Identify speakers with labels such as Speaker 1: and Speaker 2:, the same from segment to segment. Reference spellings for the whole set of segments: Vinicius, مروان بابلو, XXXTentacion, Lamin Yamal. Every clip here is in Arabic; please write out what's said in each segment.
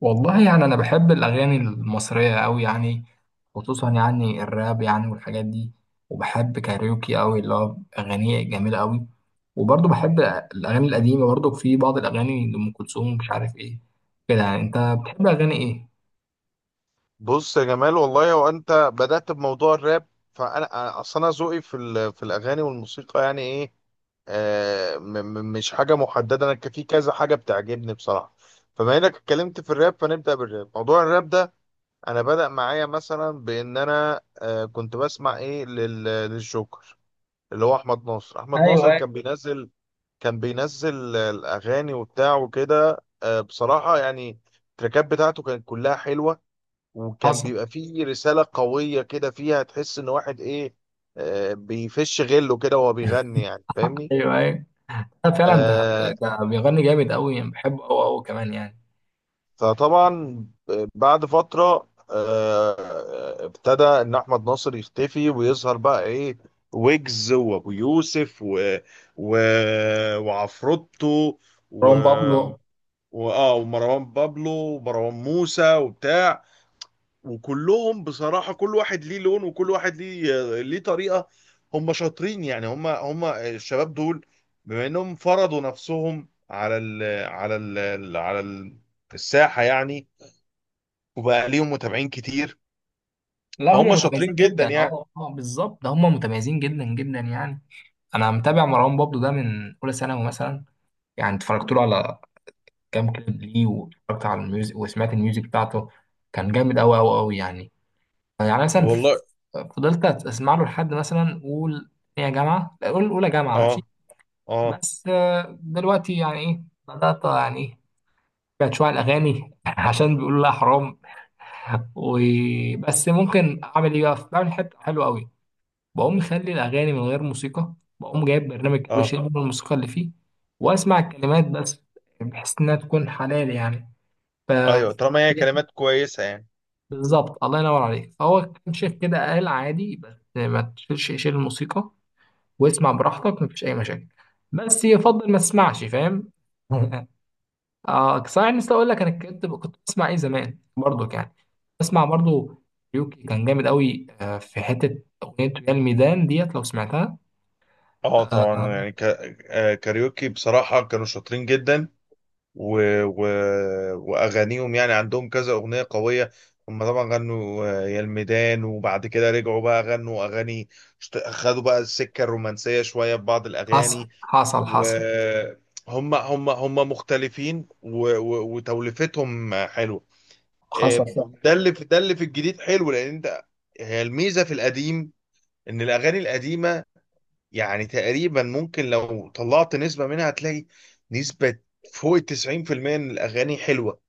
Speaker 1: والله يعني أنا بحب الأغاني المصرية أوي يعني، خصوصا يعني الراب يعني والحاجات دي. وبحب كاريوكي أوي، اللي هو أغانيه جميلة أوي. وبرضه بحب الأغاني القديمة، برضه في بعض الأغاني لأم كلثوم، مش عارف إيه كده. يعني أنت بتحب أغاني إيه؟
Speaker 2: بص يا جمال، والله هو انت بدأت بموضوع الراب. فانا اصل انا ذوقي في في الاغاني والموسيقى يعني ايه. آه م- مش حاجه محدده. انا في كذا حاجه بتعجبني بصراحه. فبما انك اتكلمت في الراب فنبدأ بالراب، موضوع الراب ده. انا بدأ معايا مثلا بان انا كنت بسمع ايه للجوكر، اللي هو احمد ناصر. احمد
Speaker 1: ايوه،
Speaker 2: ناصر
Speaker 1: أيوة.
Speaker 2: كان بينزل الاغاني وبتاع وكده. بصراحه يعني التراكات بتاعته كانت كلها حلوه، وكان
Speaker 1: حصل.
Speaker 2: بيبقى فيه رسالة قوية كده فيها، تحس ان واحد ايه، بيفش غله كده وهو بيغني، يعني فاهمني.
Speaker 1: أيوه أيوه. لا، فعلا ده
Speaker 2: آه
Speaker 1: ده بيغني جامد أوي يعني، بحبه أوي أوي كمان يعني.
Speaker 2: فطبعا بعد فترة ابتدى ان احمد ناصر يختفي ويظهر بقى ايه، ويجز وابو يوسف و... وعفروتو و...
Speaker 1: مروان بابلو.
Speaker 2: ومروان بابلو ومروان موسى وبتاع. وكلهم بصراحة كل واحد ليه لون، وكل واحد ليه طريقة. هم شاطرين، يعني هم الشباب دول، بما انهم فرضوا نفسهم على على ال على ال- الساحة يعني، وبقى ليهم متابعين كتير.
Speaker 1: لا هم
Speaker 2: فهم
Speaker 1: متميزين
Speaker 2: شاطرين جدا
Speaker 1: جدا،
Speaker 2: يعني.
Speaker 1: أه أه بالظبط، ده هم متميزين جدا جدا يعني. أنا متابع مروان بابلو ده من أولى ثانوي مثلا، يعني اتفرجت له على كام كليب ليه، واتفرجت على الميوزك وسمعت الميوزك بتاعته. كان جامد أوي أوي أوي يعني. يعني مثلا
Speaker 2: والله.
Speaker 1: فضلت أسمع له لحد مثلا قول تانية جامعة، قول أولى جامعة، ماشي.
Speaker 2: اه، اه،
Speaker 1: بس دلوقتي يعني إيه، بدأت يعني إيه، بقت شوية على الأغاني، عشان بيقولوا لا حرام. وبس ممكن أعمل إيه بقى، بعمل حتة حلوة أوي، بقوم مخلي الأغاني من غير موسيقى، بقوم جايب برنامج كده
Speaker 2: اه.
Speaker 1: بشيل منه الموسيقى اللي فيه، وأسمع الكلمات بس، بحيث إنها تكون حلال يعني. ف
Speaker 2: ايوه، طالما هي كلمات كويسة يعني.
Speaker 1: بالظبط الله ينور عليك. فهو كان شيخ كده قال عادي، بس ما تشيلش، شيل الموسيقى واسمع براحتك، مفيش أي مشاكل، بس يفضل ما تسمعش، فاهم. اه صحيح، نسيت اقول لك انا كنت بسمع ايه زمان برضو يعني، بسمع برضو يوكي. كان جامد قوي، في حته اغنيه يا الميدان ديت لو سمعتها.
Speaker 2: اه،
Speaker 1: آه،
Speaker 2: طبعا يعني ك... آه، كاريوكي بصراحة كانوا شاطرين جدا، و... و... واغانيهم، يعني عندهم كذا اغنيه قويه. هم طبعا غنوا يا الميدان، وبعد كده رجعوا بقى غنوا اغاني. خدوا بقى السكه الرومانسيه شويه في بعض
Speaker 1: حصل
Speaker 2: الاغاني،
Speaker 1: حصل حصل.
Speaker 2: وهم هم هم مختلفين، وتوليفتهم حلوه. آه،
Speaker 1: حصل صح.
Speaker 2: ده اللي في الجديد حلو. لان انت، هي الميزه في القديم ان الاغاني القديمه يعني تقريبا، ممكن لو طلعت نسبه منها هتلاقي نسبه فوق ال 90% من الاغاني حلوه.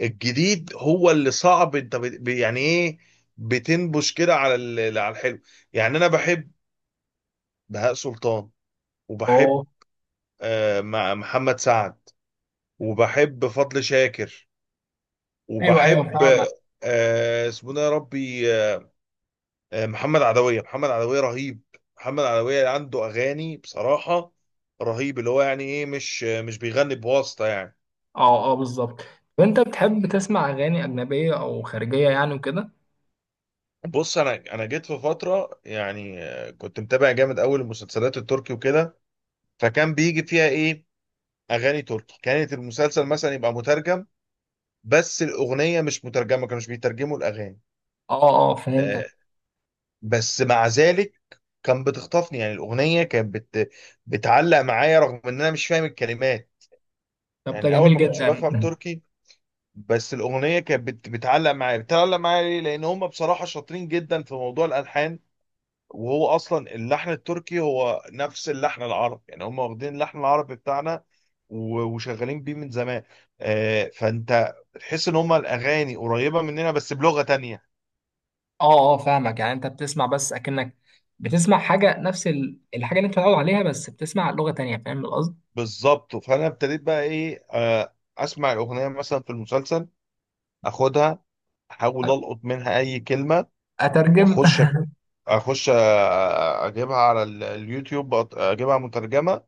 Speaker 2: الجديد هو اللي صعب، انت يعني ايه، بتنبش كده على على الحلو. يعني انا بحب بهاء سلطان، وبحب
Speaker 1: اه.
Speaker 2: محمد سعد، وبحب فضل شاكر،
Speaker 1: ايوه ايوه،
Speaker 2: وبحب
Speaker 1: فاهمك.
Speaker 2: اسمه ده يا ربي، محمد عدوية رهيب. محمد عدوية عنده اغاني بصراحة رهيب، اللي هو يعني ايه، مش بيغني بواسطة يعني.
Speaker 1: اه اه بالظبط. طب انت بتحب تسمع اغاني اجنبيه او خارجيه يعني وكده؟
Speaker 2: بص انا جيت في فترة يعني، كنت متابع جامد اول المسلسلات التركي وكده، فكان بيجي فيها ايه، اغاني تركي. كانت المسلسل مثلا يبقى مترجم، بس الاغنيه مش مترجمه، كانوش بيترجموا الاغاني.
Speaker 1: اه اه فهمتك.
Speaker 2: آه، بس مع ذلك كان بتخطفني يعني، الاغنيه كانت بتعلق معايا، رغم ان انا مش فاهم الكلمات.
Speaker 1: طب
Speaker 2: يعني
Speaker 1: ده
Speaker 2: الاول
Speaker 1: جميل
Speaker 2: ما كنتش
Speaker 1: جدا.
Speaker 2: بفهم تركي، بس الاغنيه كانت بتعلق معايا. ليه؟ لان هم بصراحه شاطرين جدا في موضوع الالحان، وهو اصلا اللحن التركي هو نفس اللحن العربي، يعني هم واخدين اللحن العربي بتاعنا وشغالين بيه من زمان. فانت تحس ان هم الاغاني قريبه مننا، بس بلغه تانية.
Speaker 1: اه اه فاهمك، يعني انت بتسمع بس اكنك بتسمع حاجه نفس الحاجه اللي انت متعود عليها، بس بتسمع لغه تانية، فاهم القصد.
Speaker 2: بالظبط. فانا ابتديت بقى ايه، اسمع الاغنيه مثلا في المسلسل، اخدها، احاول القط منها اي كلمه،
Speaker 1: اترجم.
Speaker 2: واخش اخش، اجيبها على اليوتيوب، اجيبها مترجمه،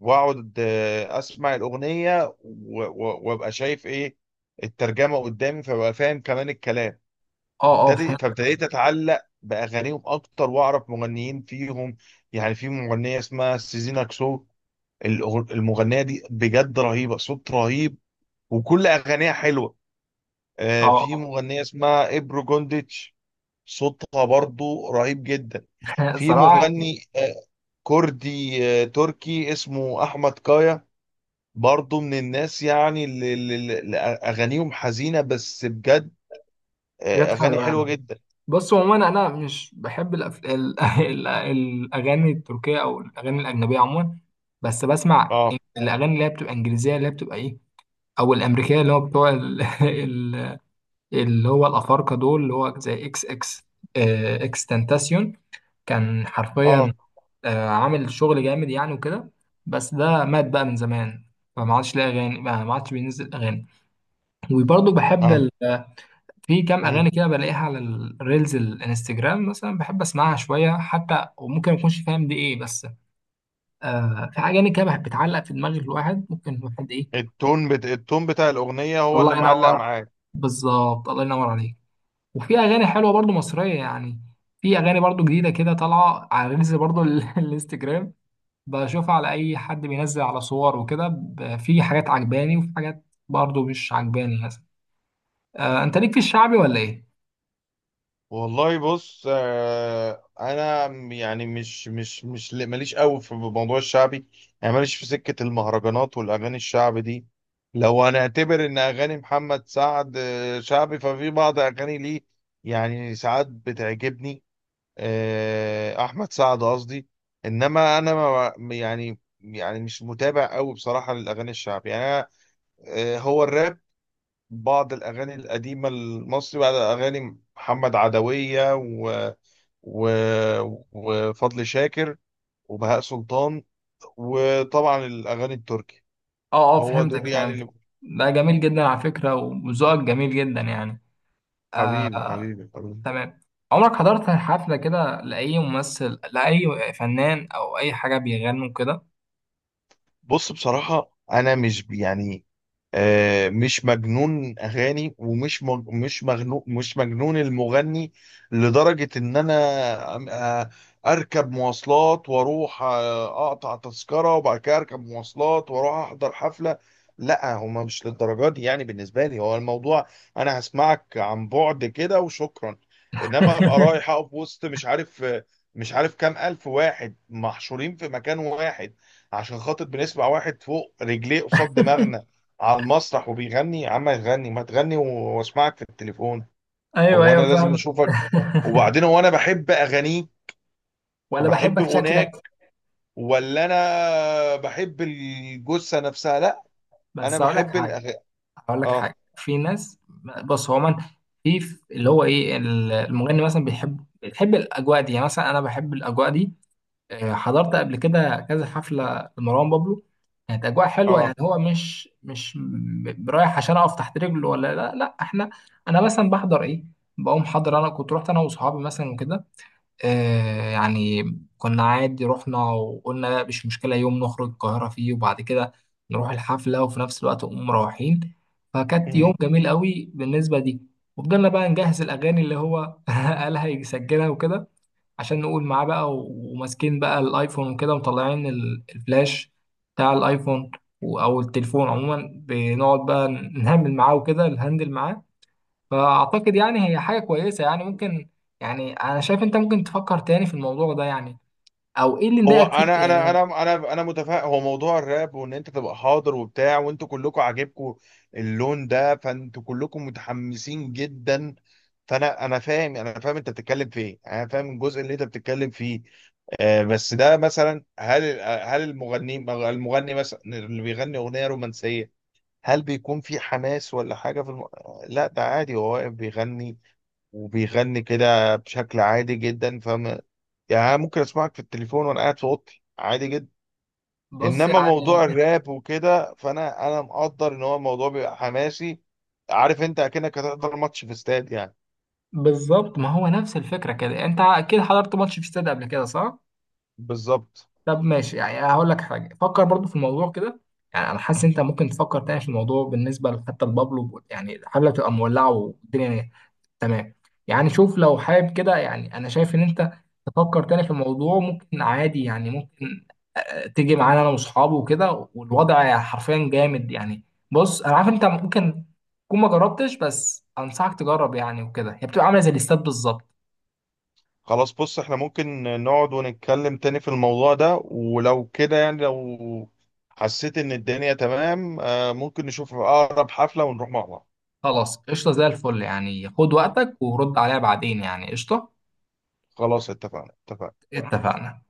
Speaker 2: واقعد اسمع الاغنيه وابقى شايف ايه، الترجمه قدامي، فابقى فاهم كمان الكلام.
Speaker 1: اه اه فهمت.
Speaker 2: فابتديت اتعلق باغانيهم اكتر، واعرف مغنيين فيهم. يعني في مغنيه اسمها سيزينا كسو، المغنيه دي بجد رهيبه، صوت رهيب، وكل اغانيها حلوه.
Speaker 1: اه
Speaker 2: في
Speaker 1: اه.
Speaker 2: مغنيه اسمها ابرو جونديتش، صوتها برضو رهيب جدا. في
Speaker 1: صراحه.
Speaker 2: مغني كردي تركي اسمه احمد كايا، برضو من الناس يعني اللي اغانيهم حزينه، بس بجد
Speaker 1: حاجات
Speaker 2: اغاني
Speaker 1: حلوه
Speaker 2: حلوه
Speaker 1: يعني.
Speaker 2: جدا.
Speaker 1: بص عموما انا مش بحب الاغاني التركيه او الاغاني الاجنبيه عموما. بس بسمع
Speaker 2: اه،
Speaker 1: الاغاني اللي هي بتبقى انجليزيه، اللي هي بتبقى ايه، او الامريكيه، اللي هو بتوع اللي هو الافارقه دول، اللي هو زي اكس تنتاسيون. كان حرفيا
Speaker 2: اه.
Speaker 1: عامل شغل جامد يعني وكده، بس ده مات بقى من زمان. فما عادش لاقي اغاني، ما عادش بينزل اغاني. وبرضه بحب
Speaker 2: انا.
Speaker 1: في كام اغاني
Speaker 2: مم.
Speaker 1: كده بلاقيها على الريلز الانستجرام مثلا، بحب اسمعها شويه حتى، وممكن ما اكونش فاهم دي ايه. بس آه، في اغاني كده بحب بتعلق في دماغ الواحد، ممكن الواحد ايه.
Speaker 2: التون بتاع الاغنيه هو اللي
Speaker 1: الله
Speaker 2: معلق
Speaker 1: ينور.
Speaker 2: معاك.
Speaker 1: بالظبط الله ينور عليك. وفي اغاني حلوه برضو مصريه يعني، في اغاني برضو جديده كده طالعه على الريلز برضو الانستجرام، بشوفها على اي حد بينزل على صور وكده، في حاجات عجباني وفي حاجات برضو مش عجباني مثلا. انت ليك في الشعبي ولا ايه؟
Speaker 2: والله بص، انا يعني مش ماليش قوي في موضوع الشعبي. يعني ماليش في سكه المهرجانات والاغاني الشعبي دي. لو هنعتبر ان اغاني محمد سعد شعبي، ففي بعض اغاني ليه، يعني ساعات بتعجبني. احمد سعد قصدي. انما انا ما يعني، مش متابع قوي بصراحه للاغاني الشعبي يعني. أنا، هو الراب، بعض الاغاني القديمه المصري، بعض اغاني محمد عدويه و و وفضل شاكر وبهاء سلطان، وطبعا الاغاني التركي.
Speaker 1: اه اه
Speaker 2: هو
Speaker 1: فهمتك
Speaker 2: دول يعني
Speaker 1: فهمتك.
Speaker 2: اللي.
Speaker 1: ده جميل جدا على فكرة، وذوقك جميل جدا يعني.
Speaker 2: حبيبي
Speaker 1: آه.
Speaker 2: حبيبي حبيبي.
Speaker 1: تمام. عمرك حضرت حفلة كده لأي ممثل، لأي فنان، أو أي حاجة بيغنوا كده؟
Speaker 2: بص، بصراحه انا مش يعني، مش مجنون اغاني، ومش مج... مش مجنون مش مجنون المغني، لدرجه ان انا أم- آه، اركب مواصلات واروح اقطع تذكره، وبعد كده اركب مواصلات واروح احضر حفله. لا، هما مش للدرجه دي يعني بالنسبه لي. هو الموضوع، انا هسمعك عن بعد كده وشكرا. انما ابقى رايح اقف وسط مش عارف كام الف واحد محشورين في مكان واحد، عشان خاطر بنسمع واحد فوق رجليه قصاد دماغنا على المسرح وبيغني؟ يا عم يغني ما تغني، واسمعك في التليفون.
Speaker 1: أيوه
Speaker 2: هو انا
Speaker 1: أيوه
Speaker 2: لازم
Speaker 1: فاهم.
Speaker 2: اشوفك؟ وبعدين هو انا بحب اغانيك
Speaker 1: ولا
Speaker 2: وبحب
Speaker 1: بحبك شكلك.
Speaker 2: غناك، ولا انا بحب الجثه نفسها؟ لا، انا
Speaker 1: بس هقول لك
Speaker 2: بحب
Speaker 1: حاجة.
Speaker 2: الاغاني.
Speaker 1: هقول لك
Speaker 2: اه،
Speaker 1: حاجة، في ناس. بص، هو من اللي هو إيه، المغني مثلا بيحب بيحب الأجواء دي يعني. مثلا أنا بحب الأجواء دي، حضرت قبل كده كذا حفلة لمروان بابلو، كانت أجواء حلوة يعني.
Speaker 2: اه.
Speaker 1: هو مش رايح عشان أقف تحت رجله، ولا لا لا. إحنا، أنا مثلا بحضر إيه، بقوم حاضر. أنا كنت رحت أنا وصحابي مثلا وكده، آه يعني كنا عادي، رحنا وقلنا لا مش مشكلة، يوم نخرج القاهرة فيه، وبعد كده نروح الحفلة، وفي نفس الوقت نقوم مروحين. فكانت يوم
Speaker 2: مم.
Speaker 1: جميل قوي بالنسبة دي. وفضلنا بقى نجهز الأغاني اللي هو قال هيسجلها وكده، عشان نقول معاه بقى، وماسكين بقى الايفون وكده، ومطلعين الفلاش بتاع الايفون، او التليفون عموما، بنقعد بقى نهمل معاه وكده، نهندل معاه. فاعتقد يعني هي حاجه كويسه يعني ممكن، يعني انا شايف انت ممكن تفكر تاني في الموضوع ده يعني، او ايه اللي
Speaker 2: هو
Speaker 1: مضايقك فيه
Speaker 2: انا انا
Speaker 1: يعني.
Speaker 2: انا انا انا متفائل. هو موضوع الراب، وان انت تبقى حاضر وبتاع وانتوا كلكم عاجبكم اللون ده، فانتوا كلكم متحمسين جدا. فانا فاهم، انا فاهم انت بتتكلم في ايه، انا فاهم الجزء اللي انت بتتكلم فيه. بس ده مثلا، هل المغني مثلا اللي بيغني اغنيه رومانسيه، هل بيكون في حماس ولا حاجه في لا، ده عادي، هو واقف بيغني وبيغني كده بشكل عادي جدا فاهم. يعني أنا ممكن اسمعك في التليفون وانا قاعد في اوضتي عادي جدا.
Speaker 1: بص
Speaker 2: انما موضوع
Speaker 1: يعني.
Speaker 2: الراب وكده، فانا مقدر ان هو الموضوع بيبقى حماسي. عارف انت اكنك هتحضر ماتش في استاد يعني.
Speaker 1: بالظبط، ما هو نفس الفكره كده. انت اكيد حضرت ماتش في استاد قبل كده صح؟
Speaker 2: بالظبط.
Speaker 1: طب ماشي يعني، هقول لك حاجه، فكر برضو في الموضوع كده، يعني انا حاسس انت ممكن تفكر تاني في الموضوع بالنسبه حتى لبابلو، يعني الحفله تبقى مولعه والدنيا تمام. يعني شوف لو حابب كده، يعني انا شايف ان انت تفكر تاني في الموضوع ممكن عادي يعني، ممكن تيجي معانا انا واصحابي وكده، والوضع حرفيا جامد يعني. بص انا عارف انت ممكن تكون ما جربتش، بس انصحك تجرب يعني وكده، هي بتبقى عامله زي الاستاد بالظبط.
Speaker 2: خلاص، بص احنا ممكن نقعد ونتكلم تاني في الموضوع ده، ولو كده يعني، لو حسيت ان الدنيا تمام ممكن نشوف اقرب حفلة ونروح مع بعض.
Speaker 1: خلاص قشطه زي الفل يعني، خد وقتك ورد عليها بعدين يعني، قشطه.
Speaker 2: خلاص، اتفقنا اتفقنا.
Speaker 1: اتفقنا.